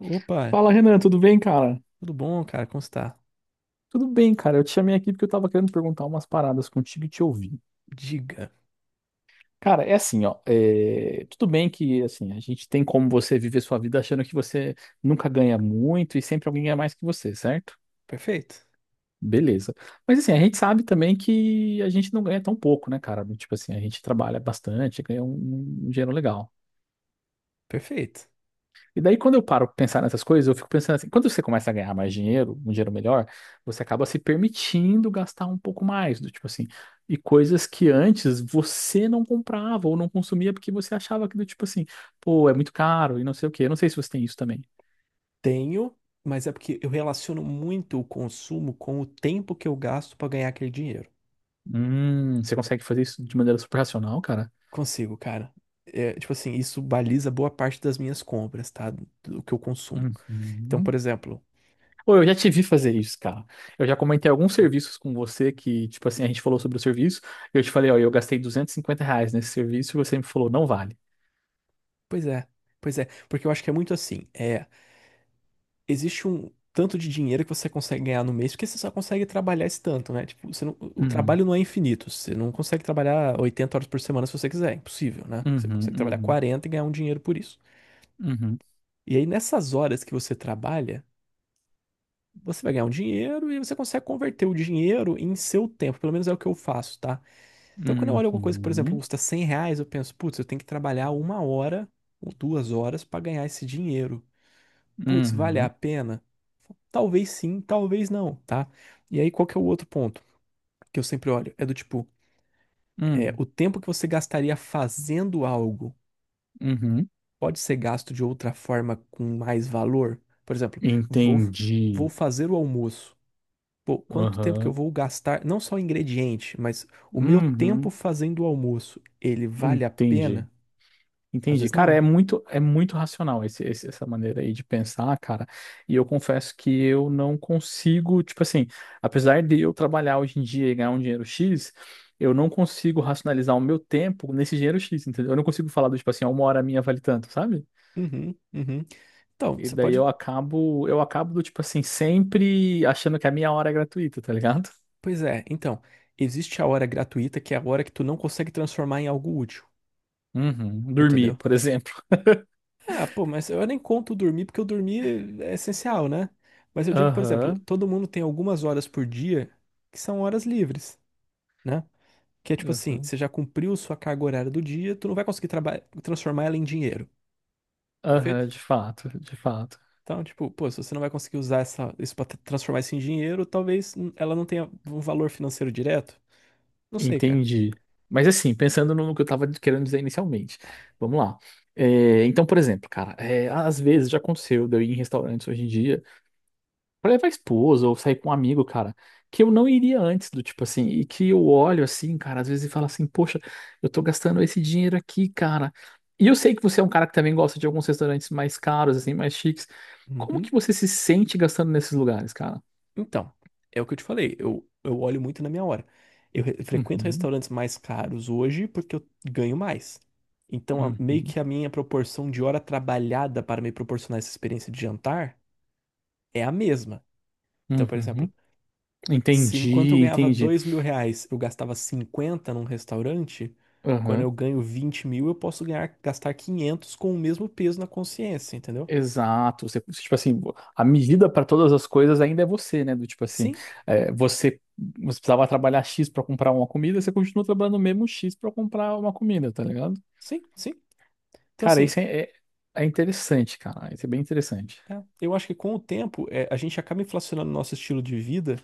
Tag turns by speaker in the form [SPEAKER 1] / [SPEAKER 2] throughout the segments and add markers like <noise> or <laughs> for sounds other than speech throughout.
[SPEAKER 1] Opa,
[SPEAKER 2] Fala, Renan, tudo bem, cara?
[SPEAKER 1] tudo bom, cara? Como está?
[SPEAKER 2] Tudo bem, cara. Eu te chamei aqui porque eu tava querendo perguntar umas paradas contigo e te ouvir.
[SPEAKER 1] Diga.
[SPEAKER 2] Cara, é assim, ó. Tudo bem que, assim, a gente tem como você viver sua vida achando que você nunca ganha muito e sempre alguém ganha mais que você, certo?
[SPEAKER 1] Perfeito.
[SPEAKER 2] Beleza. Mas, assim, a gente sabe também que a gente não ganha tão pouco, né, cara? Tipo assim, a gente trabalha bastante, ganha um dinheiro legal.
[SPEAKER 1] Perfeito.
[SPEAKER 2] E daí, quando eu paro pra pensar nessas coisas, eu fico pensando assim, quando você começa a ganhar mais dinheiro, um dinheiro melhor, você acaba se permitindo gastar um pouco mais, do tipo assim, e coisas que antes você não comprava ou não consumia porque você achava que do tipo assim, pô, é muito caro e não sei o quê. Eu não sei se você tem isso também.
[SPEAKER 1] Tenho, mas é porque eu relaciono muito o consumo com o tempo que eu gasto para ganhar aquele dinheiro.
[SPEAKER 2] Você consegue fazer isso de maneira super racional, cara?
[SPEAKER 1] Consigo, cara. É, tipo assim, isso baliza boa parte das minhas compras, tá? Do que eu consumo. Então, por
[SPEAKER 2] Uhum.
[SPEAKER 1] exemplo,
[SPEAKER 2] Ou eu já te vi fazer isso, cara. Eu já comentei alguns serviços com você que, tipo assim, a gente falou sobre o serviço, eu te falei, ó, eu gastei R$ 250 nesse serviço e você me falou, não vale.
[SPEAKER 1] pois é, pois é, porque eu acho que é muito assim. É. Existe um tanto de dinheiro que você consegue ganhar no mês, porque você só consegue trabalhar esse tanto, né? Tipo, você não- o
[SPEAKER 2] Uhum.
[SPEAKER 1] trabalho não é infinito. Você não consegue trabalhar 80 horas por semana se você quiser, é impossível, né? Você
[SPEAKER 2] Uhum,
[SPEAKER 1] consegue trabalhar
[SPEAKER 2] uhum,
[SPEAKER 1] 40 e ganhar um dinheiro por isso.
[SPEAKER 2] uhum,
[SPEAKER 1] E aí, nessas horas que você trabalha, você vai ganhar um dinheiro e você consegue converter o dinheiro em seu tempo. Pelo menos é o que eu faço, tá? Então, quando eu olho alguma coisa que, por exemplo,
[SPEAKER 2] uhum,
[SPEAKER 1] custa R$ 100, eu penso, putz, eu tenho que trabalhar uma hora ou duas horas para ganhar esse dinheiro. Putz, vale a
[SPEAKER 2] uhum,
[SPEAKER 1] pena? Talvez sim, talvez não, tá? E aí, qual que é o outro ponto que eu sempre olho? É do tipo, é,
[SPEAKER 2] uhum,
[SPEAKER 1] o tempo que você gastaria fazendo algo
[SPEAKER 2] uhum.
[SPEAKER 1] pode ser gasto de outra forma com mais valor? Por exemplo, vou, vou
[SPEAKER 2] Entendi.
[SPEAKER 1] fazer o almoço. Pô, quanto tempo que eu
[SPEAKER 2] Aham.
[SPEAKER 1] vou gastar, não só o ingrediente, mas o meu tempo
[SPEAKER 2] Uhum.
[SPEAKER 1] fazendo o almoço, ele vale a
[SPEAKER 2] Entendi.
[SPEAKER 1] pena? Às
[SPEAKER 2] Entendi.
[SPEAKER 1] vezes
[SPEAKER 2] Cara,
[SPEAKER 1] não.
[SPEAKER 2] é muito racional essa maneira aí de pensar, cara. E eu confesso que eu não consigo, tipo assim, apesar de eu trabalhar hoje em dia e ganhar um dinheiro X, eu não consigo racionalizar o meu tempo nesse dinheiro X, entendeu? Eu não consigo falar do tipo assim, ó, uma hora minha vale tanto, sabe?
[SPEAKER 1] Uhum, uhum. Então,
[SPEAKER 2] E
[SPEAKER 1] você
[SPEAKER 2] daí
[SPEAKER 1] pode.
[SPEAKER 2] eu acabo do tipo assim, sempre achando que a minha hora é gratuita, tá ligado?
[SPEAKER 1] Pois é, então, existe a hora gratuita, que é a hora que tu não consegue transformar em algo útil,
[SPEAKER 2] Uhum. Dormir,
[SPEAKER 1] entendeu?
[SPEAKER 2] por exemplo.
[SPEAKER 1] Ah, pô, mas eu nem conto dormir, porque o dormir é essencial, né? Mas eu digo, por exemplo,
[SPEAKER 2] Aham,
[SPEAKER 1] todo mundo tem algumas horas por dia que são horas livres, né? Que é tipo assim,
[SPEAKER 2] aham,
[SPEAKER 1] você já cumpriu sua carga horária do dia, tu não vai conseguir transformar ela em dinheiro, perfeito?
[SPEAKER 2] aham, de fato, de fato.
[SPEAKER 1] Então, tipo, pô, se você não vai conseguir usar essa, isso pra transformar isso em dinheiro, talvez ela não tenha um valor financeiro direto. Não sei, cara.
[SPEAKER 2] Entendi. Mas assim, pensando no que eu tava querendo dizer inicialmente, vamos lá. Então, por exemplo, cara, às vezes já aconteceu de eu ir em restaurantes hoje em dia pra levar a esposa ou sair com um amigo, cara, que eu não iria antes do tipo assim, e que eu olho assim, cara, às vezes e falo assim, poxa, eu tô gastando esse dinheiro aqui, cara. E eu sei que você é um cara que também gosta de alguns restaurantes mais caros, assim, mais chiques. Como que
[SPEAKER 1] Uhum.
[SPEAKER 2] você se sente gastando nesses lugares, cara?
[SPEAKER 1] Então, é o que eu te falei, eu olho muito na minha hora. Eu frequento
[SPEAKER 2] Uhum,
[SPEAKER 1] restaurantes mais caros hoje porque eu ganho mais. Então, meio
[SPEAKER 2] uhum,
[SPEAKER 1] que a minha proporção de hora trabalhada para me proporcionar essa experiência de jantar é a mesma. Então, por
[SPEAKER 2] uhum.
[SPEAKER 1] exemplo, se enquanto eu
[SPEAKER 2] Entendi,
[SPEAKER 1] ganhava
[SPEAKER 2] entendi.
[SPEAKER 1] R$ 2.000, eu gastava 50 num restaurante, quando eu ganho 20 mil, eu posso ganhar, gastar 500 com o mesmo peso na consciência, entendeu?
[SPEAKER 2] Exato, você, tipo assim, a medida para todas as coisas ainda é você, né? Do tipo assim,
[SPEAKER 1] Sim,
[SPEAKER 2] é, você, você precisava trabalhar X para comprar uma comida, você continua trabalhando o mesmo X para comprar uma comida, tá ligado?
[SPEAKER 1] sim, sim. Então,
[SPEAKER 2] Cara,
[SPEAKER 1] assim,
[SPEAKER 2] isso é interessante, cara. Isso é bem interessante.
[SPEAKER 1] é, eu acho que com o tempo é, a gente acaba inflacionando o nosso estilo de vida,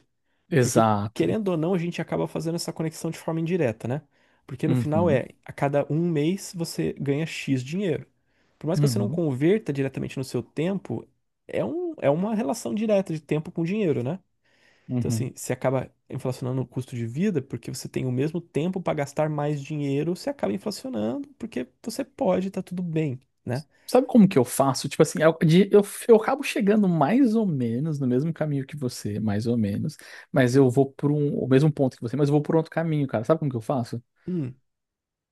[SPEAKER 1] porque
[SPEAKER 2] Exato.
[SPEAKER 1] querendo ou não, a gente acaba fazendo essa conexão de forma indireta, né? Porque no final
[SPEAKER 2] Uhum,
[SPEAKER 1] é, a cada um mês você ganha X dinheiro. Por mais que você não
[SPEAKER 2] uhum,
[SPEAKER 1] converta diretamente no seu tempo, é uma relação direta de tempo com dinheiro, né? Então,
[SPEAKER 2] uhum.
[SPEAKER 1] assim, você acaba inflacionando o custo de vida porque você tem o mesmo tempo para gastar mais dinheiro, você acaba inflacionando porque você pode, tá tudo bem, né?
[SPEAKER 2] Sabe como que eu faço? Tipo assim, eu acabo chegando mais ou menos no mesmo caminho que você, mais ou menos, mas eu vou por um, o mesmo ponto que você, mas eu vou por outro caminho, cara. Sabe como que eu faço?
[SPEAKER 1] Hum,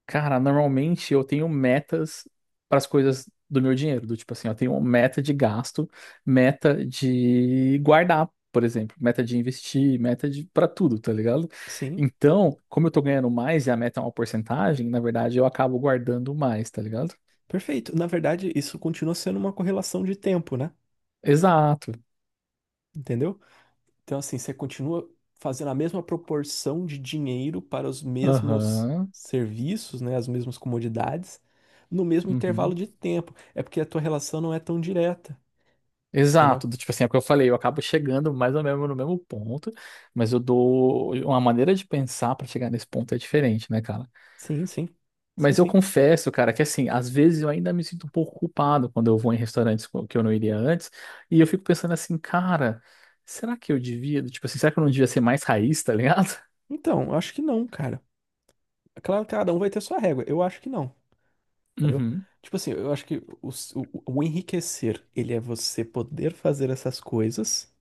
[SPEAKER 2] Cara, normalmente eu tenho metas para as coisas do meu dinheiro, do tipo assim, eu tenho uma meta de gasto, meta de guardar, por exemplo, meta de investir, meta de para tudo, tá ligado?
[SPEAKER 1] sim.
[SPEAKER 2] Então, como eu tô ganhando mais e a meta é uma porcentagem, na verdade eu acabo guardando mais, tá ligado?
[SPEAKER 1] Perfeito. Na verdade, isso continua sendo uma correlação de tempo, né?
[SPEAKER 2] Exato.
[SPEAKER 1] Entendeu? Então, assim, você continua fazendo a mesma proporção de dinheiro para os mesmos
[SPEAKER 2] Aham.
[SPEAKER 1] serviços, né? As mesmas comodidades, no mesmo intervalo
[SPEAKER 2] Uhum.
[SPEAKER 1] de tempo. É porque a tua relação não é tão direta, entendeu?
[SPEAKER 2] Exato, do tipo assim, é o que eu falei, eu acabo chegando mais ou menos no mesmo ponto, mas eu dou uma maneira de pensar para chegar nesse ponto é diferente, né, cara?
[SPEAKER 1] Sim, sim. Sim,
[SPEAKER 2] Mas eu
[SPEAKER 1] sim.
[SPEAKER 2] confesso, cara, que assim, às vezes eu ainda me sinto um pouco culpado quando eu vou em restaurantes que eu não iria antes, e eu fico pensando assim, cara, será que eu devia, tipo assim, será que eu não devia ser mais raiz, tá ligado?
[SPEAKER 1] Então, eu acho que não, cara. É claro que cada um vai ter sua régua. Eu acho que não, entendeu?
[SPEAKER 2] Uhum,
[SPEAKER 1] Tipo assim, eu acho que o, o enriquecer, ele é você poder fazer essas coisas,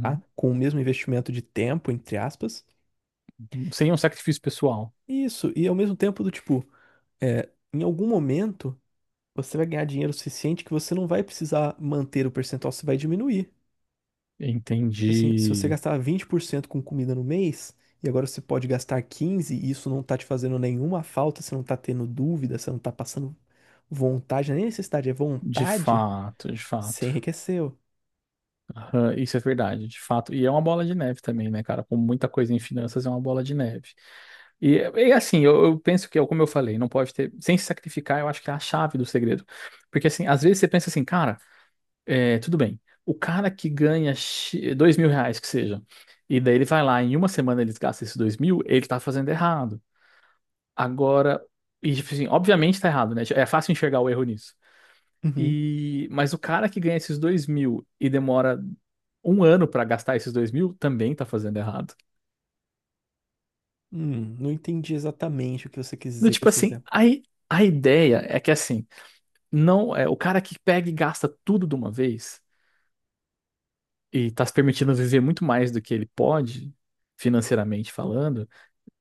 [SPEAKER 1] tá? Com o mesmo investimento de tempo, entre aspas.
[SPEAKER 2] Sem um sacrifício pessoal.
[SPEAKER 1] Isso, e ao mesmo tempo do tipo, é, em algum momento você vai ganhar dinheiro suficiente que você não vai precisar manter o percentual, você vai diminuir. Tipo assim, se você
[SPEAKER 2] Entendi.
[SPEAKER 1] gastar 20% com comida no mês, e agora você pode gastar 15%, e isso não tá te fazendo nenhuma falta, você não tá tendo dúvida, você não tá passando vontade, nem necessidade, é
[SPEAKER 2] De
[SPEAKER 1] vontade,
[SPEAKER 2] fato, de
[SPEAKER 1] você
[SPEAKER 2] fato.
[SPEAKER 1] enriqueceu.
[SPEAKER 2] Aham, isso é verdade, de fato. E é uma bola de neve também, né, cara? Como muita coisa em finanças, é uma bola de neve. E assim, eu penso que, é como eu falei, não pode ter. Sem se sacrificar, eu acho que é a chave do segredo. Porque, assim, às vezes você pensa assim, cara, é, tudo bem. O cara que ganha R$ 2.000, que seja, e daí ele vai lá, em uma semana ele gasta esses 2.000, ele tá fazendo errado. Agora, e, tipo assim, obviamente tá errado, né? É fácil enxergar o erro nisso.
[SPEAKER 1] Uhum.
[SPEAKER 2] Mas o cara que ganha esses 2.000 e demora um ano pra gastar esses 2.000 também tá fazendo errado.
[SPEAKER 1] Não entendi exatamente o que você quis
[SPEAKER 2] Do
[SPEAKER 1] dizer com
[SPEAKER 2] tipo
[SPEAKER 1] esse
[SPEAKER 2] assim,
[SPEAKER 1] exemplo.
[SPEAKER 2] a ideia é que assim, não é o cara que pega e gasta tudo de uma vez e tá se permitindo viver muito mais do que ele pode, financeiramente falando.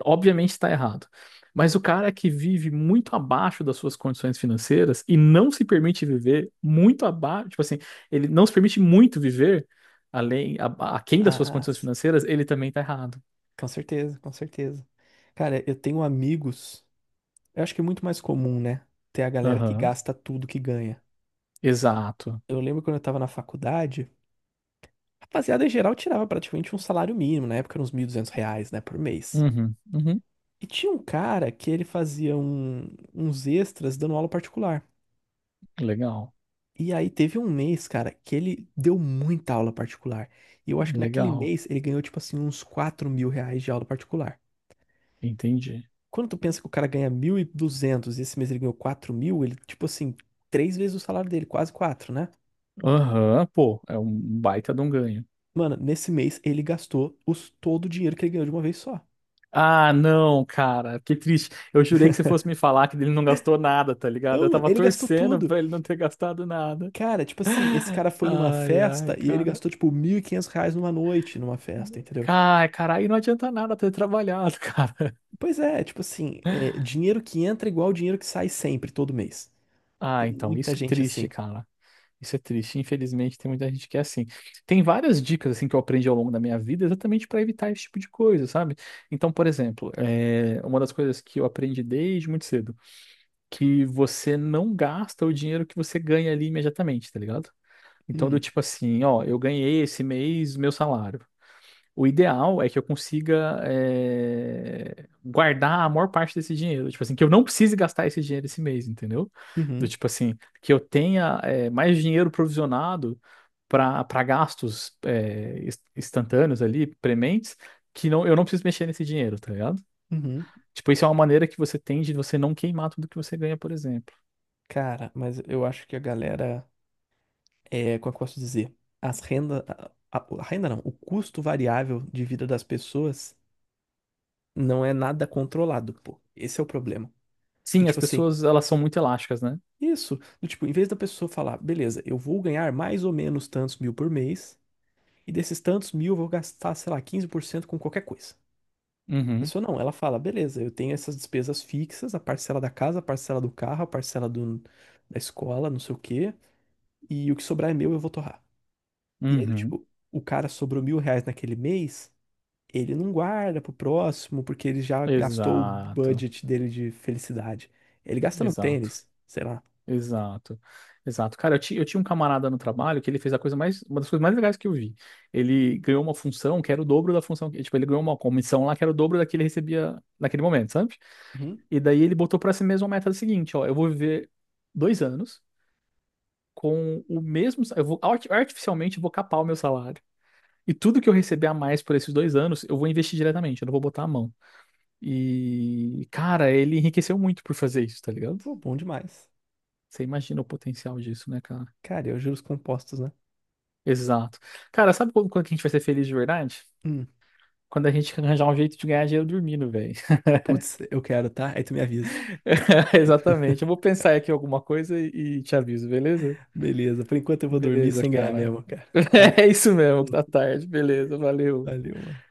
[SPEAKER 2] Obviamente está errado. Mas o cara que vive muito abaixo das suas condições financeiras e não se permite viver muito abaixo, tipo assim, ele não se permite muito viver a- aquém das
[SPEAKER 1] Ah,
[SPEAKER 2] suas
[SPEAKER 1] ah,
[SPEAKER 2] condições financeiras, ele também está errado.
[SPEAKER 1] com certeza, com certeza. Cara, eu tenho amigos. Eu acho que é muito mais comum, né? Ter a galera que
[SPEAKER 2] Aham.
[SPEAKER 1] gasta tudo que ganha.
[SPEAKER 2] Exato.
[SPEAKER 1] Eu lembro quando eu tava na faculdade, a rapaziada em geral tirava praticamente um salário mínimo, na época era uns R$ 1.200, né, por mês.
[SPEAKER 2] Uhum, uhum.
[SPEAKER 1] E tinha um cara que ele fazia uns extras dando aula particular.
[SPEAKER 2] Legal,
[SPEAKER 1] E aí teve um mês, cara, que ele deu muita aula particular. E eu acho que naquele
[SPEAKER 2] legal.
[SPEAKER 1] mês ele ganhou, tipo assim, uns R$ 4.000 de aula particular.
[SPEAKER 2] Entendi.
[SPEAKER 1] Quando tu pensa que o cara ganha 1.200 e esse mês ele ganhou 4.000 ele, tipo assim, três vezes o salário dele, quase quatro, né?
[SPEAKER 2] Aham, pô, é um baita de um ganho.
[SPEAKER 1] Mano, nesse mês ele gastou os, todo o dinheiro que ele ganhou de uma vez só.
[SPEAKER 2] Ah, não, cara, que triste. Eu jurei que você fosse me falar que ele não gastou nada, tá ligado? Eu
[SPEAKER 1] Não, mano,
[SPEAKER 2] tava
[SPEAKER 1] ele gastou
[SPEAKER 2] torcendo
[SPEAKER 1] tudo.
[SPEAKER 2] pra ele não ter gastado nada.
[SPEAKER 1] Cara, tipo assim, esse cara foi numa
[SPEAKER 2] Ai, ai,
[SPEAKER 1] festa e ele
[SPEAKER 2] cara.
[SPEAKER 1] gastou, tipo, R$ 1.500 numa noite numa festa, entendeu?
[SPEAKER 2] Ai, cara, aí não adianta nada ter trabalhado, <laughs> cara.
[SPEAKER 1] Pois é, tipo assim, é, dinheiro que entra é igual dinheiro que sai sempre, todo mês.
[SPEAKER 2] Ah,
[SPEAKER 1] Tem
[SPEAKER 2] então,
[SPEAKER 1] muita
[SPEAKER 2] isso é
[SPEAKER 1] gente
[SPEAKER 2] triste,
[SPEAKER 1] assim.
[SPEAKER 2] cara. Isso é triste. Infelizmente, tem muita gente que é assim. Tem várias dicas assim que eu aprendi ao longo da minha vida exatamente para evitar esse tipo de coisa, sabe? Então, por exemplo, é uma das coisas que eu aprendi desde muito cedo, que você não gasta o dinheiro que você ganha ali imediatamente, tá ligado? Então, do
[SPEAKER 1] Hum,
[SPEAKER 2] tipo assim, ó, eu ganhei esse mês meu salário. O ideal é que eu consiga guardar a maior parte desse dinheiro. Tipo assim, que eu não precise gastar esse dinheiro esse mês, entendeu? Do
[SPEAKER 1] uhum,
[SPEAKER 2] tipo assim, que eu tenha mais dinheiro provisionado para gastos instantâneos ali, prementes, que não, eu não preciso mexer nesse dinheiro, tá ligado?
[SPEAKER 1] uhum.
[SPEAKER 2] Tipo, isso é uma maneira que você tem de você não queimar tudo que você ganha, por exemplo.
[SPEAKER 1] Cara, mas eu acho que a galera. É, como é que eu posso dizer? As renda, a renda não, o custo variável de vida das pessoas não é nada controlado, pô. Esse é o problema. Do
[SPEAKER 2] Sim, as
[SPEAKER 1] tipo assim,
[SPEAKER 2] pessoas, elas são muito elásticas, né?
[SPEAKER 1] isso, do tipo, em vez da pessoa falar, beleza, eu vou ganhar mais ou menos tantos mil por mês, e desses tantos mil eu vou gastar, sei lá, 15% com qualquer coisa. A
[SPEAKER 2] Uhum,
[SPEAKER 1] pessoa não, ela fala, beleza, eu tenho essas despesas fixas, a parcela da casa, a parcela do carro, a parcela do, da escola, não sei o quê, e o que sobrar é meu, eu vou torrar. E aí, do
[SPEAKER 2] uhum.
[SPEAKER 1] tipo, o cara sobrou R$ 1.000 naquele mês, ele não guarda pro próximo, porque ele já gastou o
[SPEAKER 2] Exato,
[SPEAKER 1] budget dele de felicidade. Ele gasta no
[SPEAKER 2] exato.
[SPEAKER 1] tênis, sei lá.
[SPEAKER 2] Exato, exato. Cara, eu tinha um camarada no trabalho que ele fez a coisa mais, uma das coisas mais legais que eu vi. Ele ganhou uma função que era o dobro da função, tipo, ele ganhou uma comissão lá que era o dobro da que ele recebia naquele momento, sabe?
[SPEAKER 1] Uhum.
[SPEAKER 2] E daí ele botou pra si mesmo a meta seguinte, ó, eu vou viver 2 anos com o mesmo, eu vou artificialmente eu vou capar o meu salário. E tudo que eu receber a mais por esses 2 anos, eu vou investir diretamente, eu não vou botar a mão. E, cara, ele enriqueceu muito por fazer isso, tá ligado?
[SPEAKER 1] Pô, bom demais.
[SPEAKER 2] Você imagina o potencial disso, né, cara?
[SPEAKER 1] Cara, eu juros compostos, né?
[SPEAKER 2] Exato. Cara, sabe quando que a gente vai ser feliz de verdade?
[SPEAKER 1] Hum.
[SPEAKER 2] Quando a gente <laughs> arranjar um jeito de ganhar dinheiro dormindo, velho.
[SPEAKER 1] Putz, eu quero, tá? Aí tu me avisa.
[SPEAKER 2] <laughs> Exatamente. Eu vou pensar aqui alguma coisa e te aviso, beleza?
[SPEAKER 1] Beleza, por enquanto eu vou dormir
[SPEAKER 2] Beleza,
[SPEAKER 1] sem ganhar
[SPEAKER 2] cara.
[SPEAKER 1] mesmo, cara.
[SPEAKER 2] <laughs>
[SPEAKER 1] Valeu,
[SPEAKER 2] É isso mesmo,
[SPEAKER 1] hum,
[SPEAKER 2] tá tarde. Beleza, valeu.
[SPEAKER 1] valeu, mano.